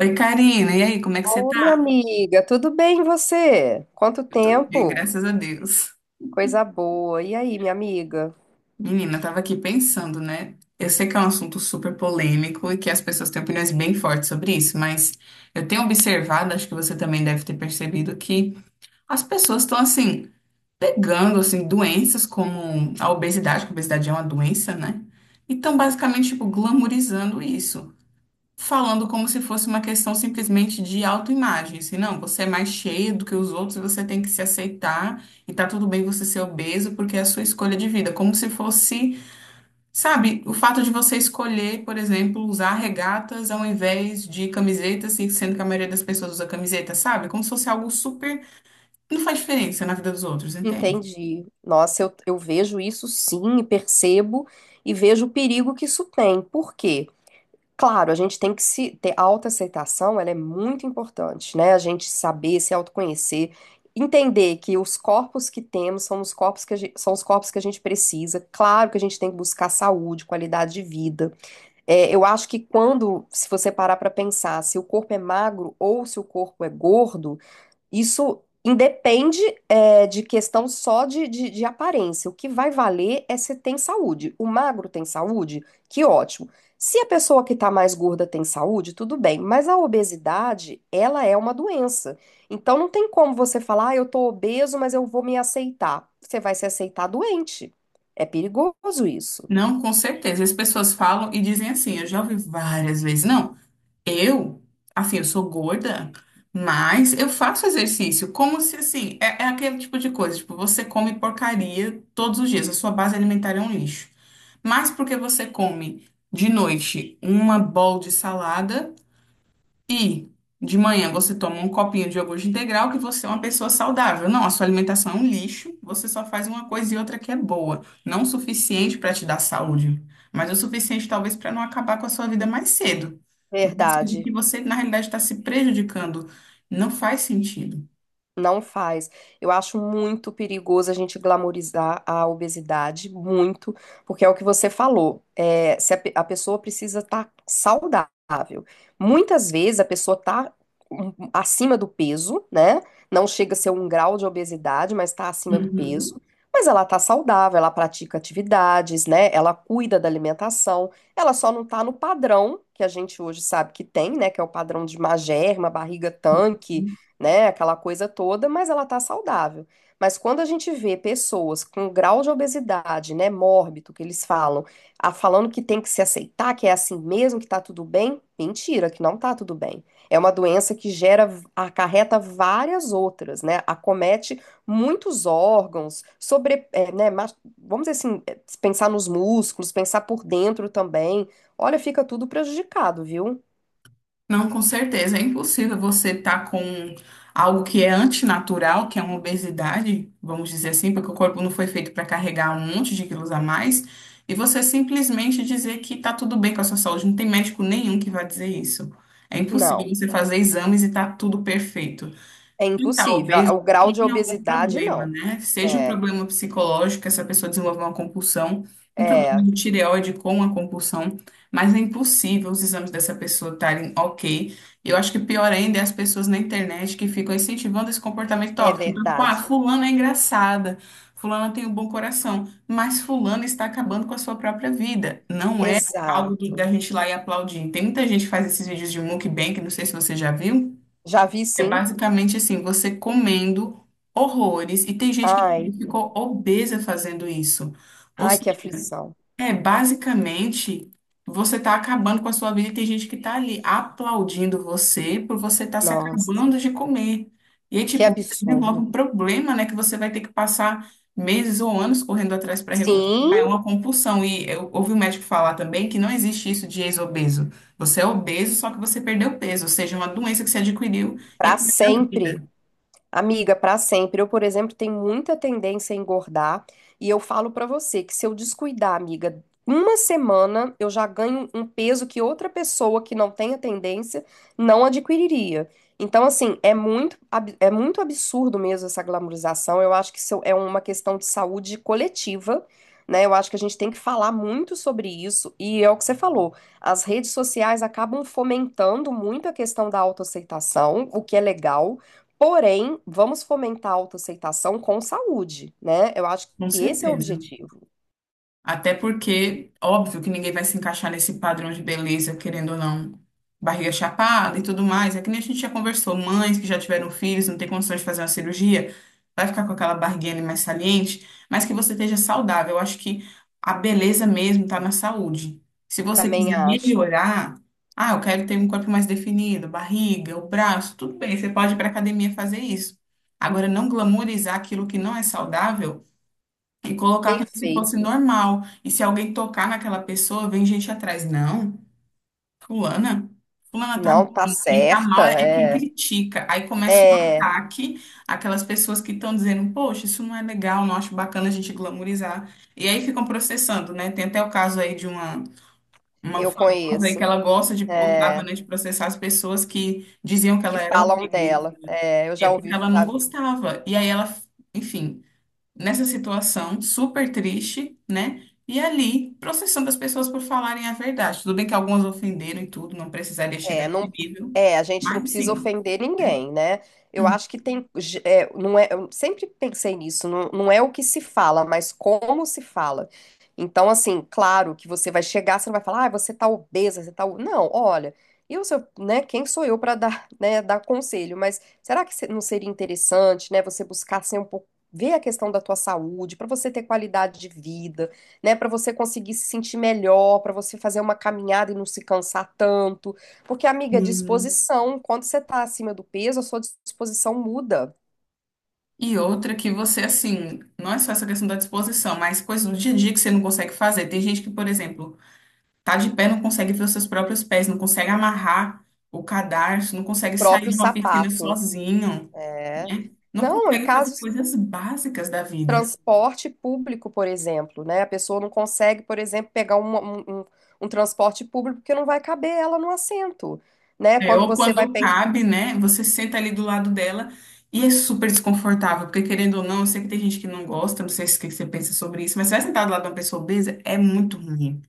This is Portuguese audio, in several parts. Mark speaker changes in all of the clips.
Speaker 1: Oi, Karina, e aí, como é que você
Speaker 2: Ô, minha
Speaker 1: tá?
Speaker 2: amiga, tudo bem e você? Quanto
Speaker 1: Eu tô bem,
Speaker 2: tempo?
Speaker 1: graças a Deus.
Speaker 2: Coisa boa. E aí, minha amiga?
Speaker 1: Menina, eu tava aqui pensando, né? Eu sei que é um assunto super polêmico e que as pessoas têm opiniões bem fortes sobre isso, mas eu tenho observado, acho que você também deve ter percebido, que as pessoas estão, assim, pegando, assim, doenças como a obesidade, que a obesidade é uma doença, né? E estão basicamente, tipo, glamorizando isso. Falando como se fosse uma questão simplesmente de autoimagem, assim, não, você é mais cheio do que os outros e você tem que se aceitar e tá tudo bem você ser obeso porque é a sua escolha de vida, como se fosse, sabe, o fato de você escolher, por exemplo, usar regatas ao invés de camisetas, assim, sendo que a maioria das pessoas usa camiseta, sabe? Como se fosse algo super, não faz diferença na vida dos outros, entende?
Speaker 2: Entendi. Nossa, eu vejo isso, sim, e percebo e vejo o perigo que isso tem. Por quê? Claro, a gente tem que se ter autoaceitação, ela é muito importante, né? A gente saber, se autoconhecer, entender que os corpos que temos são os corpos que são os corpos que a gente precisa. Claro que a gente tem que buscar saúde, qualidade de vida. É, eu acho que se você parar para pensar se o corpo é magro ou se o corpo é gordo, isso independe, de questão só de aparência. O que vai valer é se tem saúde. O magro tem saúde? Que ótimo. Se a pessoa que está mais gorda tem saúde, tudo bem. Mas a obesidade, ela é uma doença. Então não tem como você falar: ah, eu tô obeso, mas eu vou me aceitar. Você vai se aceitar doente. É perigoso isso.
Speaker 1: Não, com certeza. As pessoas falam e dizem assim, eu já ouvi várias vezes, não. Eu, assim, eu sou gorda, mas eu faço exercício, como se, assim, é aquele tipo de coisa, tipo, você come porcaria todos os dias, a sua base alimentar é um lixo. Mas porque você come de noite uma bowl de salada, e de manhã você toma um copinho de iogurte integral que você é uma pessoa saudável. Não, a sua alimentação é um lixo, você só faz uma coisa e outra que é boa. Não o suficiente para te dar saúde, mas o suficiente talvez para não acabar com a sua vida mais cedo. Né? Sendo que
Speaker 2: Verdade.
Speaker 1: você, na realidade, está se prejudicando. Não faz sentido.
Speaker 2: Não faz. Eu acho muito perigoso a gente glamorizar a obesidade, muito, porque é o que você falou. É, se a pessoa precisa estar saudável. Muitas vezes a pessoa está acima do peso, né? Não chega a ser um grau de obesidade, mas está acima do
Speaker 1: Uhum.
Speaker 2: peso. Mas ela está saudável, ela pratica atividades, né? Ela cuida da alimentação. Ela só não está no padrão que a gente hoje sabe que tem, né? Que é o padrão de magerma, barriga tanque, né? Aquela coisa toda, mas ela tá saudável. Mas quando a gente vê pessoas com grau de obesidade, né, mórbido, que eles falam, falando que tem que se aceitar, que é assim mesmo, que tá tudo bem, mentira, que não tá tudo bem. É uma doença que gera, acarreta várias outras, né? Acomete muitos órgãos, sobre, é, né, mas- vamos dizer assim, é, pensar nos músculos, pensar por dentro também. Olha, fica tudo prejudicado, viu?
Speaker 1: Não, com certeza. É impossível você estar com algo que é antinatural, que é uma obesidade, vamos dizer assim, porque o corpo não foi feito para carregar um monte de quilos a mais, e você simplesmente dizer que está tudo bem com a sua saúde. Não tem médico nenhum que vai dizer isso. É impossível
Speaker 2: Não,
Speaker 1: você fazer exames e tá tudo perfeito.
Speaker 2: é
Speaker 1: Então,
Speaker 2: impossível.
Speaker 1: obeso
Speaker 2: O grau de
Speaker 1: tem algum
Speaker 2: obesidade,
Speaker 1: problema,
Speaker 2: não.
Speaker 1: né? Seja um
Speaker 2: É,
Speaker 1: problema psicológico, essa pessoa desenvolve uma compulsão, um problema
Speaker 2: é,
Speaker 1: de tireoide com a compulsão, mas é impossível os exames dessa pessoa estarem ok. Eu acho que pior ainda é as pessoas na internet que ficam incentivando esse comportamento
Speaker 2: é
Speaker 1: tóxico. Então, tipo, ah,
Speaker 2: verdade.
Speaker 1: fulana é engraçada, fulana tem um bom coração, mas fulana está acabando com a sua própria vida. Não é algo da
Speaker 2: Exato.
Speaker 1: gente ir lá e aplaudir. Tem muita gente que faz esses vídeos de mukbang, não sei se você já viu,
Speaker 2: Já vi,
Speaker 1: é
Speaker 2: sim.
Speaker 1: basicamente assim, você comendo horrores, e tem gente que
Speaker 2: Ai,
Speaker 1: ficou obesa fazendo isso. Ou
Speaker 2: ai, que
Speaker 1: seja,
Speaker 2: aflição.
Speaker 1: é, basicamente, você está acabando com a sua vida e tem gente que está ali aplaudindo você por você estar se
Speaker 2: Nossa,
Speaker 1: acabando de comer. E aí,
Speaker 2: que
Speaker 1: tipo, você desenvolve
Speaker 2: absurdo.
Speaker 1: um problema, né, que você vai ter que passar meses ou anos correndo atrás para recuperar. É
Speaker 2: Sim,
Speaker 1: uma compulsão. E eu ouvi um médico falar também que não existe isso de ex-obeso. Você é obeso, só que você perdeu peso, ou seja, uma doença que você adquiriu e é
Speaker 2: para
Speaker 1: parte da
Speaker 2: sempre.
Speaker 1: vida.
Speaker 2: Amiga, para sempre. Eu, por exemplo, tenho muita tendência a engordar e eu falo para você que, se eu descuidar, amiga, uma semana eu já ganho um peso que outra pessoa que não tenha tendência não adquiriria. Então, assim, é é muito absurdo mesmo essa glamorização. Eu acho que isso é uma questão de saúde coletiva, né? Eu acho que a gente tem que falar muito sobre isso e é o que você falou. As redes sociais acabam fomentando muito a questão da autoaceitação, o que é legal. Porém, vamos fomentar a autoaceitação com saúde, né? Eu acho
Speaker 1: Com
Speaker 2: que esse é o
Speaker 1: certeza.
Speaker 2: objetivo.
Speaker 1: Até porque, óbvio que ninguém vai se encaixar nesse padrão de beleza, querendo ou não, barriga chapada e tudo mais. É que nem a gente já conversou, mães que já tiveram filhos, não tem condições de fazer uma cirurgia, vai ficar com aquela barriguinha ali mais saliente, mas que você esteja saudável. Eu acho que a beleza mesmo está na saúde. Se você
Speaker 2: Também
Speaker 1: quiser
Speaker 2: acho.
Speaker 1: melhorar, ah, eu quero ter um corpo mais definido, barriga, o braço, tudo bem, você pode ir para academia fazer isso. Agora, não glamourizar aquilo que não é saudável e colocar como se fosse
Speaker 2: Perfeito.
Speaker 1: normal. E se alguém tocar naquela pessoa, vem gente atrás. Não, fulana, fulana tá
Speaker 2: Não tá
Speaker 1: bem. Quem tá
Speaker 2: certa,
Speaker 1: mal é quem
Speaker 2: é.
Speaker 1: critica. Aí começa um
Speaker 2: É,
Speaker 1: ataque àquelas pessoas que estão dizendo, poxa, isso não é legal, não acho bacana a gente glamourizar. E aí ficam processando, né? Tem até o caso aí de uma
Speaker 2: eu
Speaker 1: famosa aí que
Speaker 2: conheço.
Speaker 1: ela gosta de, gostava,
Speaker 2: É,
Speaker 1: né, de processar as pessoas que diziam que
Speaker 2: que
Speaker 1: ela era
Speaker 2: falam
Speaker 1: obesa.
Speaker 2: dela. É, eu
Speaker 1: É
Speaker 2: já
Speaker 1: porque
Speaker 2: ouvi,
Speaker 1: ela não
Speaker 2: já vi.
Speaker 1: gostava. E aí ela, enfim, nessa situação super triste, né? E ali, processando as pessoas por falarem a verdade. Tudo bem que algumas ofenderam e tudo, não precisaria chegar a
Speaker 2: É,
Speaker 1: esse
Speaker 2: não,
Speaker 1: nível,
Speaker 2: é, a gente não
Speaker 1: mas
Speaker 2: precisa
Speaker 1: sim.
Speaker 2: ofender ninguém, né? Eu acho que tem, não é, eu sempre pensei nisso, não, não é o que se fala, mas como se fala. Então, assim, claro que você vai chegar, você não vai falar: ah, você tá obesa, você tá. o-". Não, olha, eu, sou- né, quem sou eu para dar, né, dar conselho? Mas será que não seria interessante, né, você buscar ser um pouco. Ver a questão da tua saúde, para você ter qualidade de vida, né? Para você conseguir se sentir melhor, para você fazer uma caminhada e não se cansar tanto. Porque, amiga,
Speaker 1: Uhum.
Speaker 2: disposição, quando você tá acima do peso, a sua disposição muda.
Speaker 1: E outra que você, assim, não é só essa questão da disposição, mas coisas do dia a dia que você não consegue fazer. Tem gente que, por exemplo, tá de pé, não consegue ver os seus próprios pés, não consegue amarrar o cadarço, não
Speaker 2: O
Speaker 1: consegue sair
Speaker 2: próprio
Speaker 1: de uma piscina
Speaker 2: sapato.
Speaker 1: sozinho,
Speaker 2: É.
Speaker 1: né? Não
Speaker 2: Não, em
Speaker 1: consegue fazer
Speaker 2: casos de
Speaker 1: coisas básicas da vida.
Speaker 2: transporte público, por exemplo, né? A pessoa não consegue, por exemplo, pegar um transporte público porque não vai caber ela no assento, né?
Speaker 1: É,
Speaker 2: Quando
Speaker 1: ou
Speaker 2: você vai
Speaker 1: quando
Speaker 2: pen-
Speaker 1: cabe, né? Você senta ali do lado dela e é super desconfortável, porque querendo ou não, eu sei que tem gente que não gosta, não sei se o que que você pensa sobre isso, mas você vai sentar do lado de uma pessoa obesa, é muito ruim.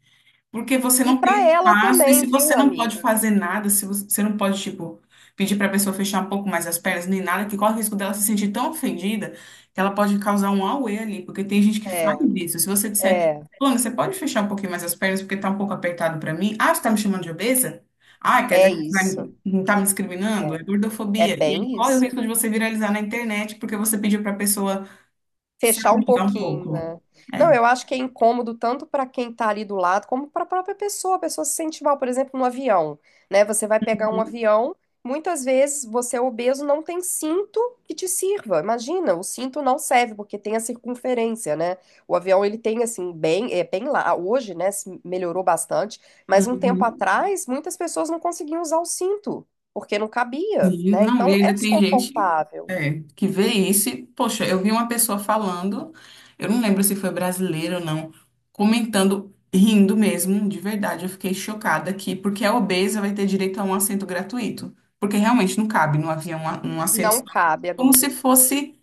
Speaker 1: Porque você
Speaker 2: E
Speaker 1: não
Speaker 2: para
Speaker 1: tem
Speaker 2: ela
Speaker 1: espaço, e
Speaker 2: também,
Speaker 1: se você
Speaker 2: viu,
Speaker 1: não pode
Speaker 2: amiga?
Speaker 1: fazer nada, se você não pode, tipo, pedir para a pessoa fechar um pouco mais as pernas, nem nada, que corre o risco dela se sentir tão ofendida que ela pode causar um auê ali, porque tem gente que
Speaker 2: É,
Speaker 1: faz isso. Se você disser,
Speaker 2: é,
Speaker 1: fulano, você pode fechar um pouquinho mais as pernas porque tá um pouco apertado para mim? Ah, você tá me chamando de obesa? Ah, quer dizer
Speaker 2: é
Speaker 1: que você
Speaker 2: isso.
Speaker 1: não tá me discriminando? É
Speaker 2: É, é
Speaker 1: gordofobia. E aí
Speaker 2: bem
Speaker 1: corre o
Speaker 2: isso.
Speaker 1: risco de você viralizar na internet porque você pediu para a pessoa se
Speaker 2: Fechar um
Speaker 1: acomodar um
Speaker 2: pouquinho,
Speaker 1: pouco.
Speaker 2: né?
Speaker 1: É.
Speaker 2: Não, eu acho que é incômodo tanto para quem tá ali do lado, como para a própria pessoa. A pessoa se sente mal, por exemplo, no avião, né? Você vai pegar um avião, muitas vezes você é obeso, não tem cinto que te sirva. Imagina, o cinto não serve porque tem a circunferência, né? O avião ele tem assim bem, é bem lá hoje, né? Se melhorou bastante, mas um tempo
Speaker 1: Uhum.
Speaker 2: atrás muitas pessoas não conseguiam usar o cinto porque não cabia,
Speaker 1: Sim.
Speaker 2: né?
Speaker 1: Não, e
Speaker 2: Então é
Speaker 1: ainda tem gente
Speaker 2: desconfortável.
Speaker 1: é, que vê isso e, poxa, eu vi uma pessoa falando, eu não lembro se foi brasileiro ou não, comentando, rindo mesmo, de verdade, eu fiquei chocada aqui, porque a obesa vai ter direito a um assento gratuito, porque realmente não cabe no avião um assento
Speaker 2: Não
Speaker 1: só,
Speaker 2: cabe,
Speaker 1: como se
Speaker 2: amiga.
Speaker 1: fosse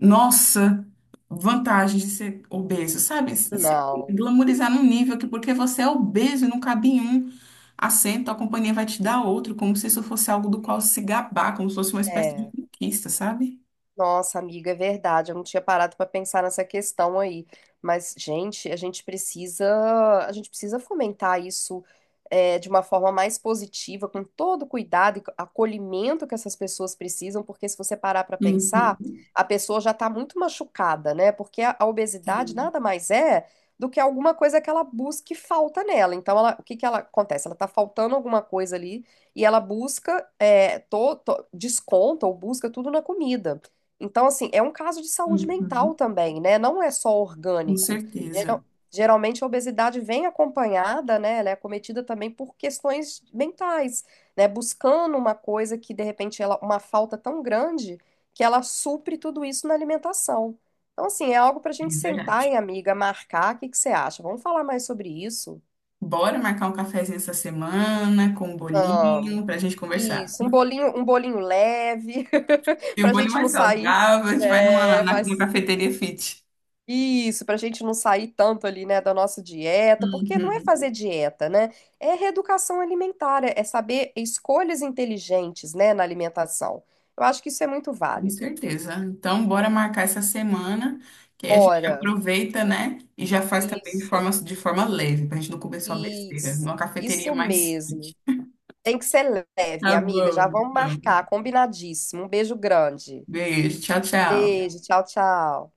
Speaker 1: nossa, vantagem de ser obeso, sabe? Se se
Speaker 2: Não.
Speaker 1: glamorizar num nível que porque você é obeso e não cabe em um assento, a companhia vai te dar outro, como se isso fosse algo do qual se gabar, como se fosse uma espécie de
Speaker 2: É.
Speaker 1: conquista, sabe?
Speaker 2: Nossa, amiga, é verdade. Eu não tinha parado para pensar nessa questão aí. Mas, gente, a gente precisa fomentar isso é, de uma forma mais positiva, com todo o cuidado e acolhimento que essas pessoas precisam, porque se você parar para pensar,
Speaker 1: Uhum.
Speaker 2: a pessoa já está muito machucada, né? Porque a obesidade
Speaker 1: Sim.
Speaker 2: nada mais é do que alguma coisa que ela busca e falta nela. Então, ela, o que que ela acontece? Ela está faltando alguma coisa ali e ela busca é, desconta ou busca tudo na comida. Então, assim, é um caso de saúde mental
Speaker 1: Uhum.
Speaker 2: também, né? Não é só
Speaker 1: Com
Speaker 2: orgânico.
Speaker 1: certeza.
Speaker 2: Geral- geralmente a obesidade vem acompanhada, né? Ela é cometida também por questões mentais, né? Buscando uma coisa que, de repente, ela, uma falta tão grande que ela supre tudo isso na alimentação. Então, assim, é algo para a
Speaker 1: É
Speaker 2: gente sentar,
Speaker 1: verdade.
Speaker 2: hein, amiga, marcar. O que que você acha? Vamos falar mais sobre isso?
Speaker 1: Bora marcar um cafezinho essa semana com um
Speaker 2: Vamos.
Speaker 1: bolinho pra gente conversar.
Speaker 2: Isso, um bolinho leve,
Speaker 1: Tem um
Speaker 2: para a
Speaker 1: bolinho
Speaker 2: gente não
Speaker 1: mais
Speaker 2: sair.
Speaker 1: saudável, a gente vai numa,
Speaker 2: Né?
Speaker 1: numa
Speaker 2: Mas
Speaker 1: cafeteria fit.
Speaker 2: isso, para a gente não sair tanto ali, né, da nossa dieta, porque não é
Speaker 1: Uhum.
Speaker 2: fazer dieta, né? É reeducação alimentar, é saber escolhas inteligentes, né, na alimentação. Eu acho que isso é muito
Speaker 1: Com
Speaker 2: válido.
Speaker 1: certeza. Então, bora marcar essa semana, que aí a gente
Speaker 2: Bora.
Speaker 1: aproveita, né? E já faz também
Speaker 2: Isso,
Speaker 1: de forma leve, pra gente não comer só besteira, numa cafeteria
Speaker 2: isso
Speaker 1: mais fit.
Speaker 2: mesmo. Tem que ser leve,
Speaker 1: Tá
Speaker 2: minha amiga. Já
Speaker 1: bom,
Speaker 2: vamos
Speaker 1: então.
Speaker 2: marcar, combinadíssimo. Um beijo grande.
Speaker 1: Beijo, tchau, tchau.
Speaker 2: Beijo, tchau, tchau.